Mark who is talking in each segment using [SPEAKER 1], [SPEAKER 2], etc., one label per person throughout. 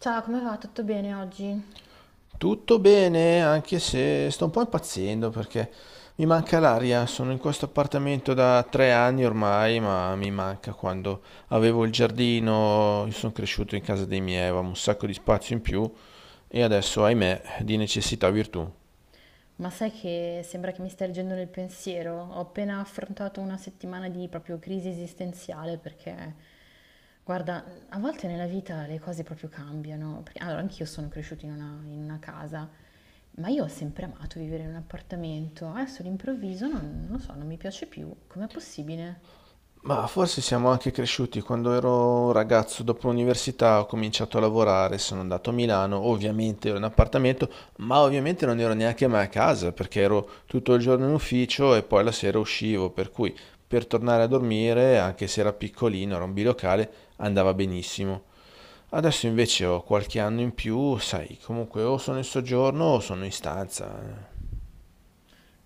[SPEAKER 1] Ciao, come va? Tutto bene oggi?
[SPEAKER 2] Tutto bene, anche se sto un po' impazzendo perché mi manca l'aria. Sono in questo appartamento da 3 anni ormai, ma mi manca quando avevo il giardino. Io sono cresciuto in casa dei miei, avevamo un sacco di spazio in più e adesso, ahimè, di necessità virtù.
[SPEAKER 1] Ma sai che sembra che mi stia leggendo nel pensiero? Ho appena affrontato una settimana di proprio crisi esistenziale perché, guarda, a volte nella vita le cose proprio cambiano. Perché, allora, anch'io sono cresciuta in una casa, ma io ho sempre amato vivere in un appartamento. Adesso all'improvviso non lo so, non mi piace più. Com'è possibile?
[SPEAKER 2] Ma forse siamo anche cresciuti. Quando ero un ragazzo, dopo l'università, ho cominciato a lavorare, sono andato a Milano, ovviamente ero in appartamento, ma ovviamente non ero neanche mai a casa perché ero tutto il giorno in ufficio e poi la sera uscivo, per cui per tornare a dormire, anche se era piccolino, era un bilocale, andava benissimo. Adesso invece ho qualche anno in più, sai, comunque o sono in soggiorno o sono in stanza.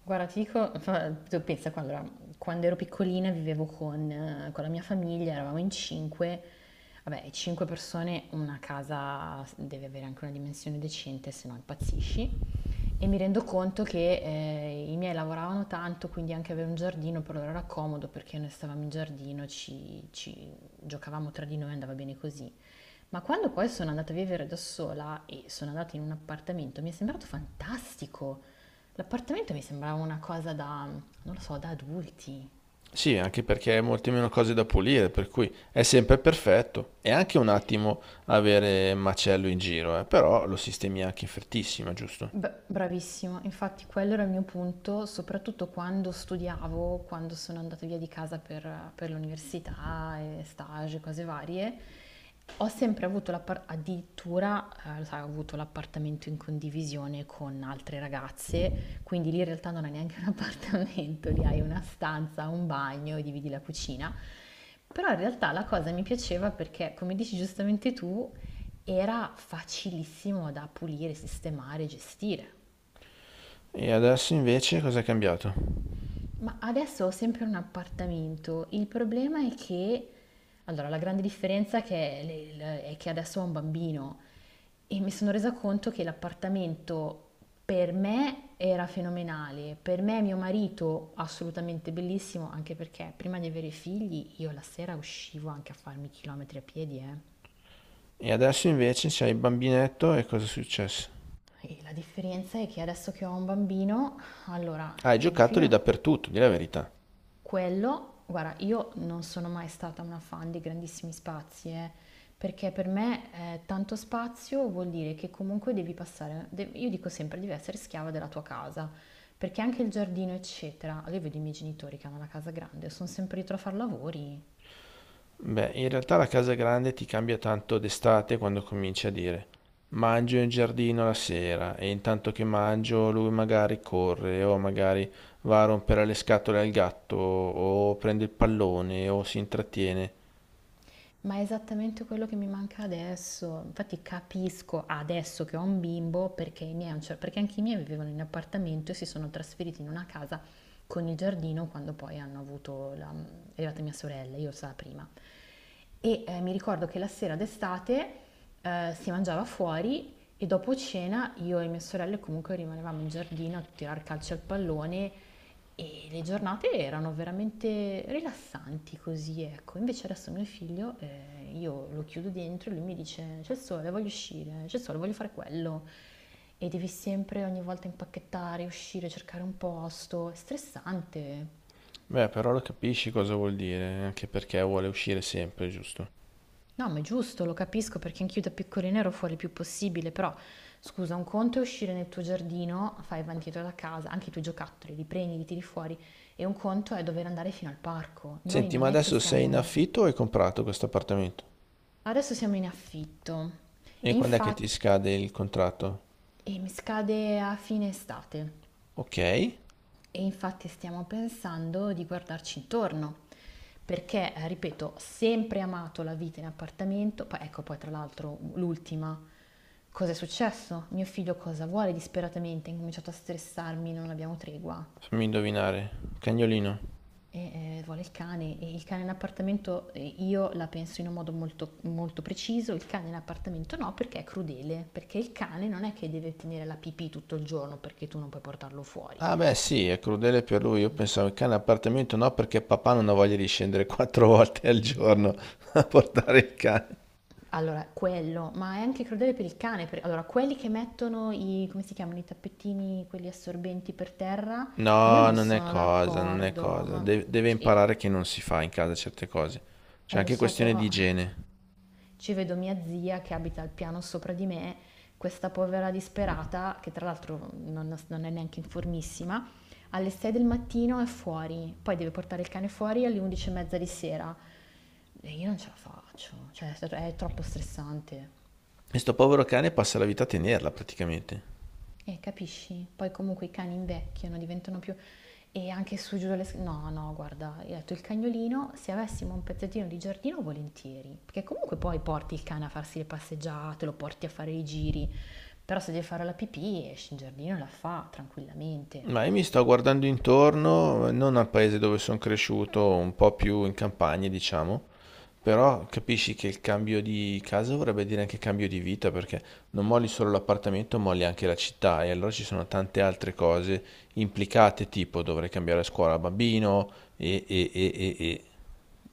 [SPEAKER 1] Guarda, ti dico, tu pensa, qua, allora, quando ero piccolina vivevo con la mia famiglia, eravamo in cinque, vabbè, cinque persone, una casa deve avere anche una dimensione decente, se no impazzisci. E mi rendo conto che i miei lavoravano tanto, quindi anche avere un giardino per loro era comodo perché noi stavamo in giardino, ci giocavamo tra di noi, andava bene così. Ma quando poi sono andata a vivere da sola e sono andata in un appartamento, mi è sembrato fantastico. L'appartamento mi sembrava una cosa da, non lo so, da adulti.
[SPEAKER 2] Sì, anche perché hai molte meno cose da pulire, per cui è sempre perfetto. È anche un attimo avere macello in giro, però lo sistemi anche in frettissima, giusto?
[SPEAKER 1] Beh, bravissima, infatti quello era il mio punto, soprattutto quando studiavo, quando sono andata via di casa per l'università, e stage, cose varie, ho sempre avuto addirittura, lo sai, ho avuto l'appartamento in condivisione con altre ragazze, quindi lì in realtà non hai neanche un appartamento, lì hai una stanza, un bagno, dividi la cucina. Però in realtà la cosa mi piaceva perché, come dici giustamente tu, era facilissimo da pulire, sistemare, gestire.
[SPEAKER 2] E adesso invece cosa è cambiato?
[SPEAKER 1] Ma adesso ho sempre un appartamento. Il problema è che, allora, la grande differenza che è, è che adesso ho un bambino e mi sono resa conto che l'appartamento per me era fenomenale, per me e mio marito assolutamente bellissimo, anche perché prima di avere figli io la sera uscivo anche a farmi chilometri a piedi, eh.
[SPEAKER 2] E adesso invece c'hai il bambinetto e cosa è successo?
[SPEAKER 1] E la differenza è che adesso che ho un bambino, allora,
[SPEAKER 2] Hai
[SPEAKER 1] il mio
[SPEAKER 2] giocattoli
[SPEAKER 1] figlio.
[SPEAKER 2] dappertutto, di' la verità.
[SPEAKER 1] Quello, guarda, io non sono mai stata una fan di grandissimi spazi, perché per me tanto spazio vuol dire che comunque devi passare, io dico sempre, devi essere schiava della tua casa, perché anche il giardino, eccetera, io vedo i miei genitori che hanno una casa grande, sono sempre dietro a fare lavori.
[SPEAKER 2] Beh, in realtà la casa grande ti cambia tanto d'estate quando cominci a dire mangio in giardino la sera e intanto che mangio lui magari corre o magari va a rompere le scatole al gatto o prende il pallone o si intrattiene.
[SPEAKER 1] Ma è esattamente quello che mi manca adesso. Infatti capisco adesso che ho un bimbo perché i miei, perché anche i miei vivevano in appartamento e si sono trasferiti in una casa con il giardino quando poi hanno avuto la, è arrivata mia sorella, io stavo prima. E mi ricordo che la sera d'estate si mangiava fuori e dopo cena io e mie sorelle comunque rimanevamo in giardino a tirar calcio al pallone e le giornate erano veramente rilassanti così, ecco. Invece adesso mio figlio, io lo chiudo dentro e lui mi dice c'è il sole, voglio uscire, c'è il sole, voglio fare quello. E devi sempre ogni volta impacchettare, uscire, cercare un posto. È stressante.
[SPEAKER 2] Beh, però lo capisci cosa vuol dire, anche perché vuole uscire sempre, giusto?
[SPEAKER 1] No, ma è giusto, lo capisco perché anch'io da piccolina ero fuori il più possibile, però scusa, un conto è uscire nel tuo giardino, fai avanti e indietro da casa, anche i tuoi giocattoli, li prendi, li tiri fuori, e un conto è dover andare fino al parco. Noi
[SPEAKER 2] Senti, ma
[SPEAKER 1] non è che
[SPEAKER 2] adesso sei in
[SPEAKER 1] siamo.
[SPEAKER 2] affitto o hai comprato questo appartamento?
[SPEAKER 1] Adesso siamo in affitto,
[SPEAKER 2] E quando è che
[SPEAKER 1] infatti,
[SPEAKER 2] ti scade il contratto?
[SPEAKER 1] e mi scade a fine estate
[SPEAKER 2] Ok,
[SPEAKER 1] e infatti stiamo pensando di guardarci intorno, perché, ripeto, ho sempre amato la vita in appartamento, poi ecco poi tra l'altro l'ultima, cosa è successo? Mio figlio cosa vuole disperatamente, ha incominciato a stressarmi, non abbiamo tregua.
[SPEAKER 2] fammi indovinare, cagnolino.
[SPEAKER 1] E vuole il cane, e il cane in appartamento io la penso in un modo molto, molto preciso, il cane in appartamento no perché è crudele, perché il cane non è che deve tenere la pipì tutto il giorno perché tu non puoi portarlo fuori.
[SPEAKER 2] Ah beh sì, è crudele per lui. Io pensavo il cane appartamento no, perché papà non ha voglia di scendere 4 volte al giorno a portare il cane.
[SPEAKER 1] Allora, quello, ma è anche crudele per il cane, allora quelli che mettono i, come si chiamano, i tappetini, quelli assorbenti per terra, io
[SPEAKER 2] No,
[SPEAKER 1] non
[SPEAKER 2] non è
[SPEAKER 1] sono
[SPEAKER 2] cosa, non è
[SPEAKER 1] d'accordo,
[SPEAKER 2] cosa.
[SPEAKER 1] ma
[SPEAKER 2] Deve
[SPEAKER 1] cioè,
[SPEAKER 2] imparare che non si fa in casa certe cose. C'è
[SPEAKER 1] lo
[SPEAKER 2] anche
[SPEAKER 1] so
[SPEAKER 2] questione di
[SPEAKER 1] però...
[SPEAKER 2] igiene.
[SPEAKER 1] Ci vedo mia zia che abita al piano sopra di me, questa povera disperata, che tra l'altro non è neanche informissima, alle 6 del mattino è fuori, poi deve portare il cane fuori alle 11 e mezza di sera. E io non ce la faccio, cioè è troppo stressante.
[SPEAKER 2] E sto povero cane passa la vita a tenerla praticamente.
[SPEAKER 1] Capisci? Poi comunque i cani invecchiano, diventano più... E anche su giù dalle... No, no, guarda, io ho detto il cagnolino, se avessimo un pezzettino di giardino, volentieri. Perché comunque poi porti il cane a farsi le passeggiate, lo porti a fare i giri. Però se deve fare la pipì, esce in giardino e la fa tranquillamente.
[SPEAKER 2] Ma io mi sto guardando intorno, non al paese dove sono cresciuto, un po' più in campagna, diciamo. Però capisci che il cambio di casa vorrebbe dire anche cambio di vita, perché non molli solo l'appartamento, molli anche la città e allora ci sono tante altre cose implicate, tipo dovrei cambiare scuola bambino e.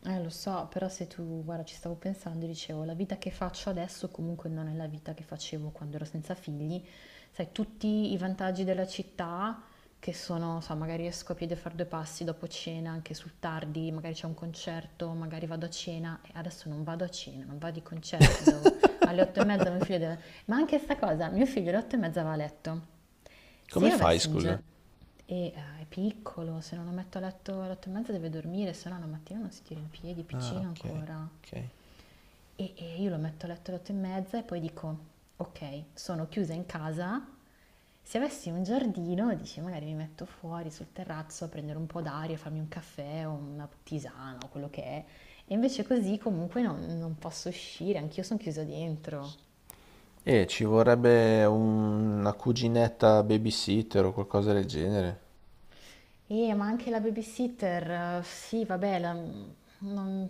[SPEAKER 1] Lo so, però se tu, guarda, ci stavo pensando e dicevo, la vita che faccio adesso comunque non è la vita che facevo quando ero senza figli. Sai, tutti i vantaggi della città, che sono, so, magari esco a piedi a fare due passi dopo cena, anche sul tardi, magari c'è un concerto, magari vado a cena, e adesso non vado a cena, non vado ai concerti, alle otto e mezza mio figlio deve... Ma anche sta cosa, mio figlio alle otto e mezza va a letto. Se
[SPEAKER 2] Come
[SPEAKER 1] io
[SPEAKER 2] fai,
[SPEAKER 1] avessi un
[SPEAKER 2] scusa?
[SPEAKER 1] giorno... E è piccolo, se non lo metto a letto alle otto e mezza deve dormire, se no la mattina non si tira in piedi, è
[SPEAKER 2] Ah,
[SPEAKER 1] piccino
[SPEAKER 2] ok,
[SPEAKER 1] ancora.
[SPEAKER 2] ok.
[SPEAKER 1] E io lo metto a letto alle otto e mezza e poi dico, ok, sono chiusa in casa. Se avessi un giardino, dici, magari mi metto fuori sul terrazzo a prendere un po' d'aria, farmi un caffè o una tisana o quello che è. E invece così comunque non posso uscire, anch'io sono chiusa dentro.
[SPEAKER 2] E ci vorrebbe una cuginetta babysitter o qualcosa del genere.
[SPEAKER 1] Ma anche la babysitter, sì, vabbè, non-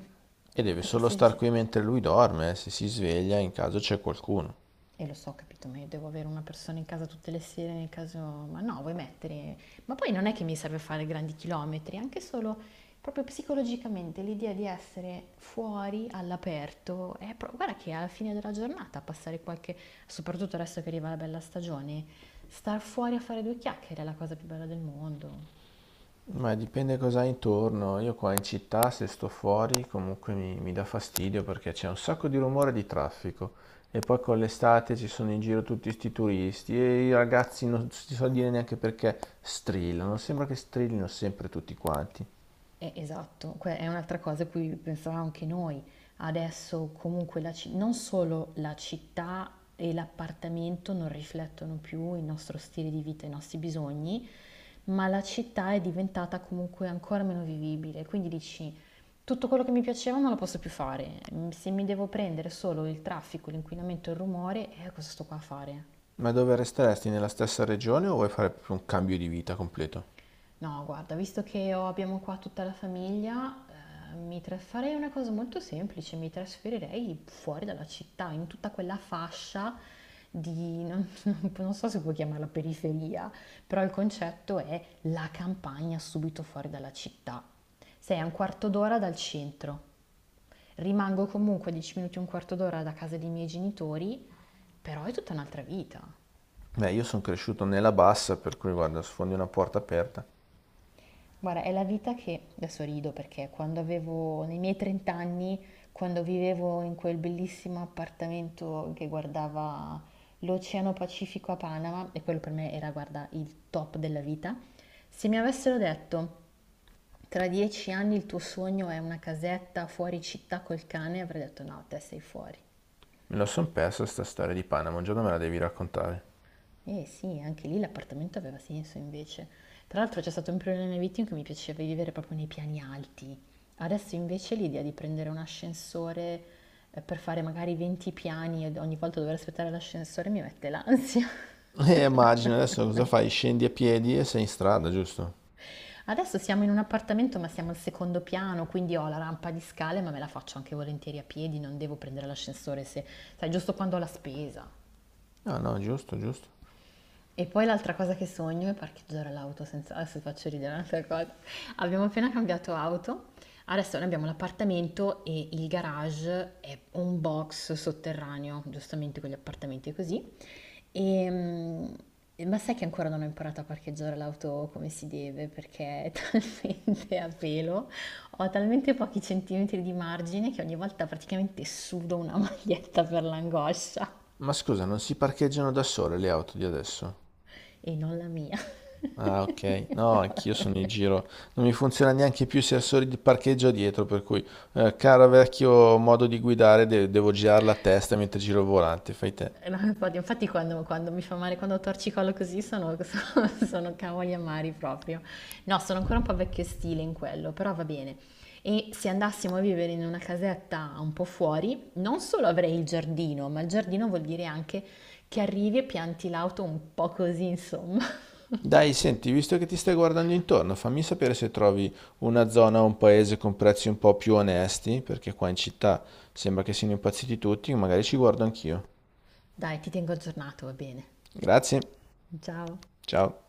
[SPEAKER 2] E deve
[SPEAKER 1] perché
[SPEAKER 2] solo
[SPEAKER 1] sì, sì,
[SPEAKER 2] star
[SPEAKER 1] sì.
[SPEAKER 2] qui mentre lui dorme, se si sveglia in caso c'è qualcuno.
[SPEAKER 1] E lo so, ho capito, ma io devo avere una persona in casa tutte le sere nel caso... Ma no, vuoi mettere... Ma poi non è che mi serve fare grandi chilometri, anche solo proprio psicologicamente l'idea di essere fuori, all'aperto, è guarda che alla fine della giornata passare qualche... soprattutto adesso che arriva la bella stagione, star fuori a fare due chiacchiere è la cosa più bella del mondo.
[SPEAKER 2] Ma dipende cosa hai intorno. Io qua in città, se sto fuori, comunque mi dà fastidio perché c'è un sacco di rumore e di traffico. E poi con l'estate ci sono in giro tutti sti turisti e i ragazzi non si so dire neanche perché strillano. Sembra che strillino sempre tutti quanti.
[SPEAKER 1] Esatto, è un'altra cosa a cui pensavamo anche noi. Adesso comunque non solo la città e l'appartamento non riflettono più il nostro stile di vita, i nostri bisogni, ma la città è diventata comunque ancora meno vivibile. Quindi dici, tutto quello che mi piaceva non lo posso più fare. Se mi devo prendere solo il traffico, l'inquinamento e il rumore, cosa sto qua a fare?
[SPEAKER 2] Ma dove resteresti? Nella stessa regione o vuoi fare proprio un cambio di vita completo?
[SPEAKER 1] No, guarda, visto che abbiamo qua tutta la famiglia, farei una cosa molto semplice, mi trasferirei fuori dalla città, in tutta quella fascia non, non so se puoi chiamarla periferia, però il concetto è la campagna subito fuori dalla città. Sei a un quarto d'ora dal centro, rimango comunque 10 minuti, un quarto d'ora da casa dei miei genitori, però è tutta un'altra vita.
[SPEAKER 2] Beh, io sono cresciuto nella bassa, per cui guarda, sfondi una porta aperta.
[SPEAKER 1] Guarda, è la vita che, adesso rido perché quando avevo, nei miei 30 anni, quando vivevo in quel bellissimo appartamento che guardava l'Oceano Pacifico a Panama, e quello per me era, guarda, il top della vita, se mi avessero detto tra 10 anni il tuo sogno è una casetta fuori città col cane, avrei detto no, te sei fuori.
[SPEAKER 2] Me la son persa sta storia di Panama, un giorno me la devi raccontare.
[SPEAKER 1] Eh sì, anche lì l'appartamento aveva senso invece. Tra l'altro c'è stato un periodo nella mia vita in cui mi piaceva vivere proprio nei piani alti. Adesso invece l'idea di prendere un ascensore per fare magari 20 piani e ogni volta dover aspettare l'ascensore mi mette l'ansia.
[SPEAKER 2] Immagino, adesso cosa fai? Scendi a piedi e sei in strada, giusto?
[SPEAKER 1] Adesso siamo in un appartamento ma siamo al secondo piano, quindi ho la rampa di scale ma me la faccio anche volentieri a piedi, non devo prendere l'ascensore se, sai, giusto quando ho la spesa.
[SPEAKER 2] No, no, giusto, giusto.
[SPEAKER 1] E poi l'altra cosa che sogno è parcheggiare l'auto senza... Adesso ti faccio ridere un'altra cosa. Abbiamo appena cambiato auto, adesso noi abbiamo l'appartamento e il garage è un box sotterraneo, giustamente quegli appartamenti così. Ehm, ma sai che ancora non ho imparato a parcheggiare l'auto come si deve perché è talmente a pelo, ho talmente pochi centimetri di margine che ogni volta praticamente sudo una maglietta per l'angoscia
[SPEAKER 2] Ma scusa, non si parcheggiano da sole le auto di adesso?
[SPEAKER 1] e non la mia.
[SPEAKER 2] Ah, ok. No, anch'io sono in giro. Non mi funziona neanche più i sensori di parcheggio dietro, per cui, caro vecchio modo di guidare, devo girare la testa mentre giro il volante, fai te.
[SPEAKER 1] No, infatti, infatti quando mi fa male, quando torcicolo così sono, sono cavoli amari proprio. No, sono ancora un po' vecchio stile in quello, però va bene. E se andassimo a vivere in una casetta un po' fuori, non solo avrei il giardino, ma il giardino vuol dire anche che arrivi e pianti l'auto un po' così, insomma.
[SPEAKER 2] Dai, senti, visto che ti stai guardando intorno, fammi sapere se trovi una zona o un paese con prezzi un po' più onesti, perché qua in città sembra che siano impazziti tutti, magari ci guardo anch'io.
[SPEAKER 1] Dai, ti tengo aggiornato, va bene.
[SPEAKER 2] Grazie.
[SPEAKER 1] Ciao.
[SPEAKER 2] Ciao.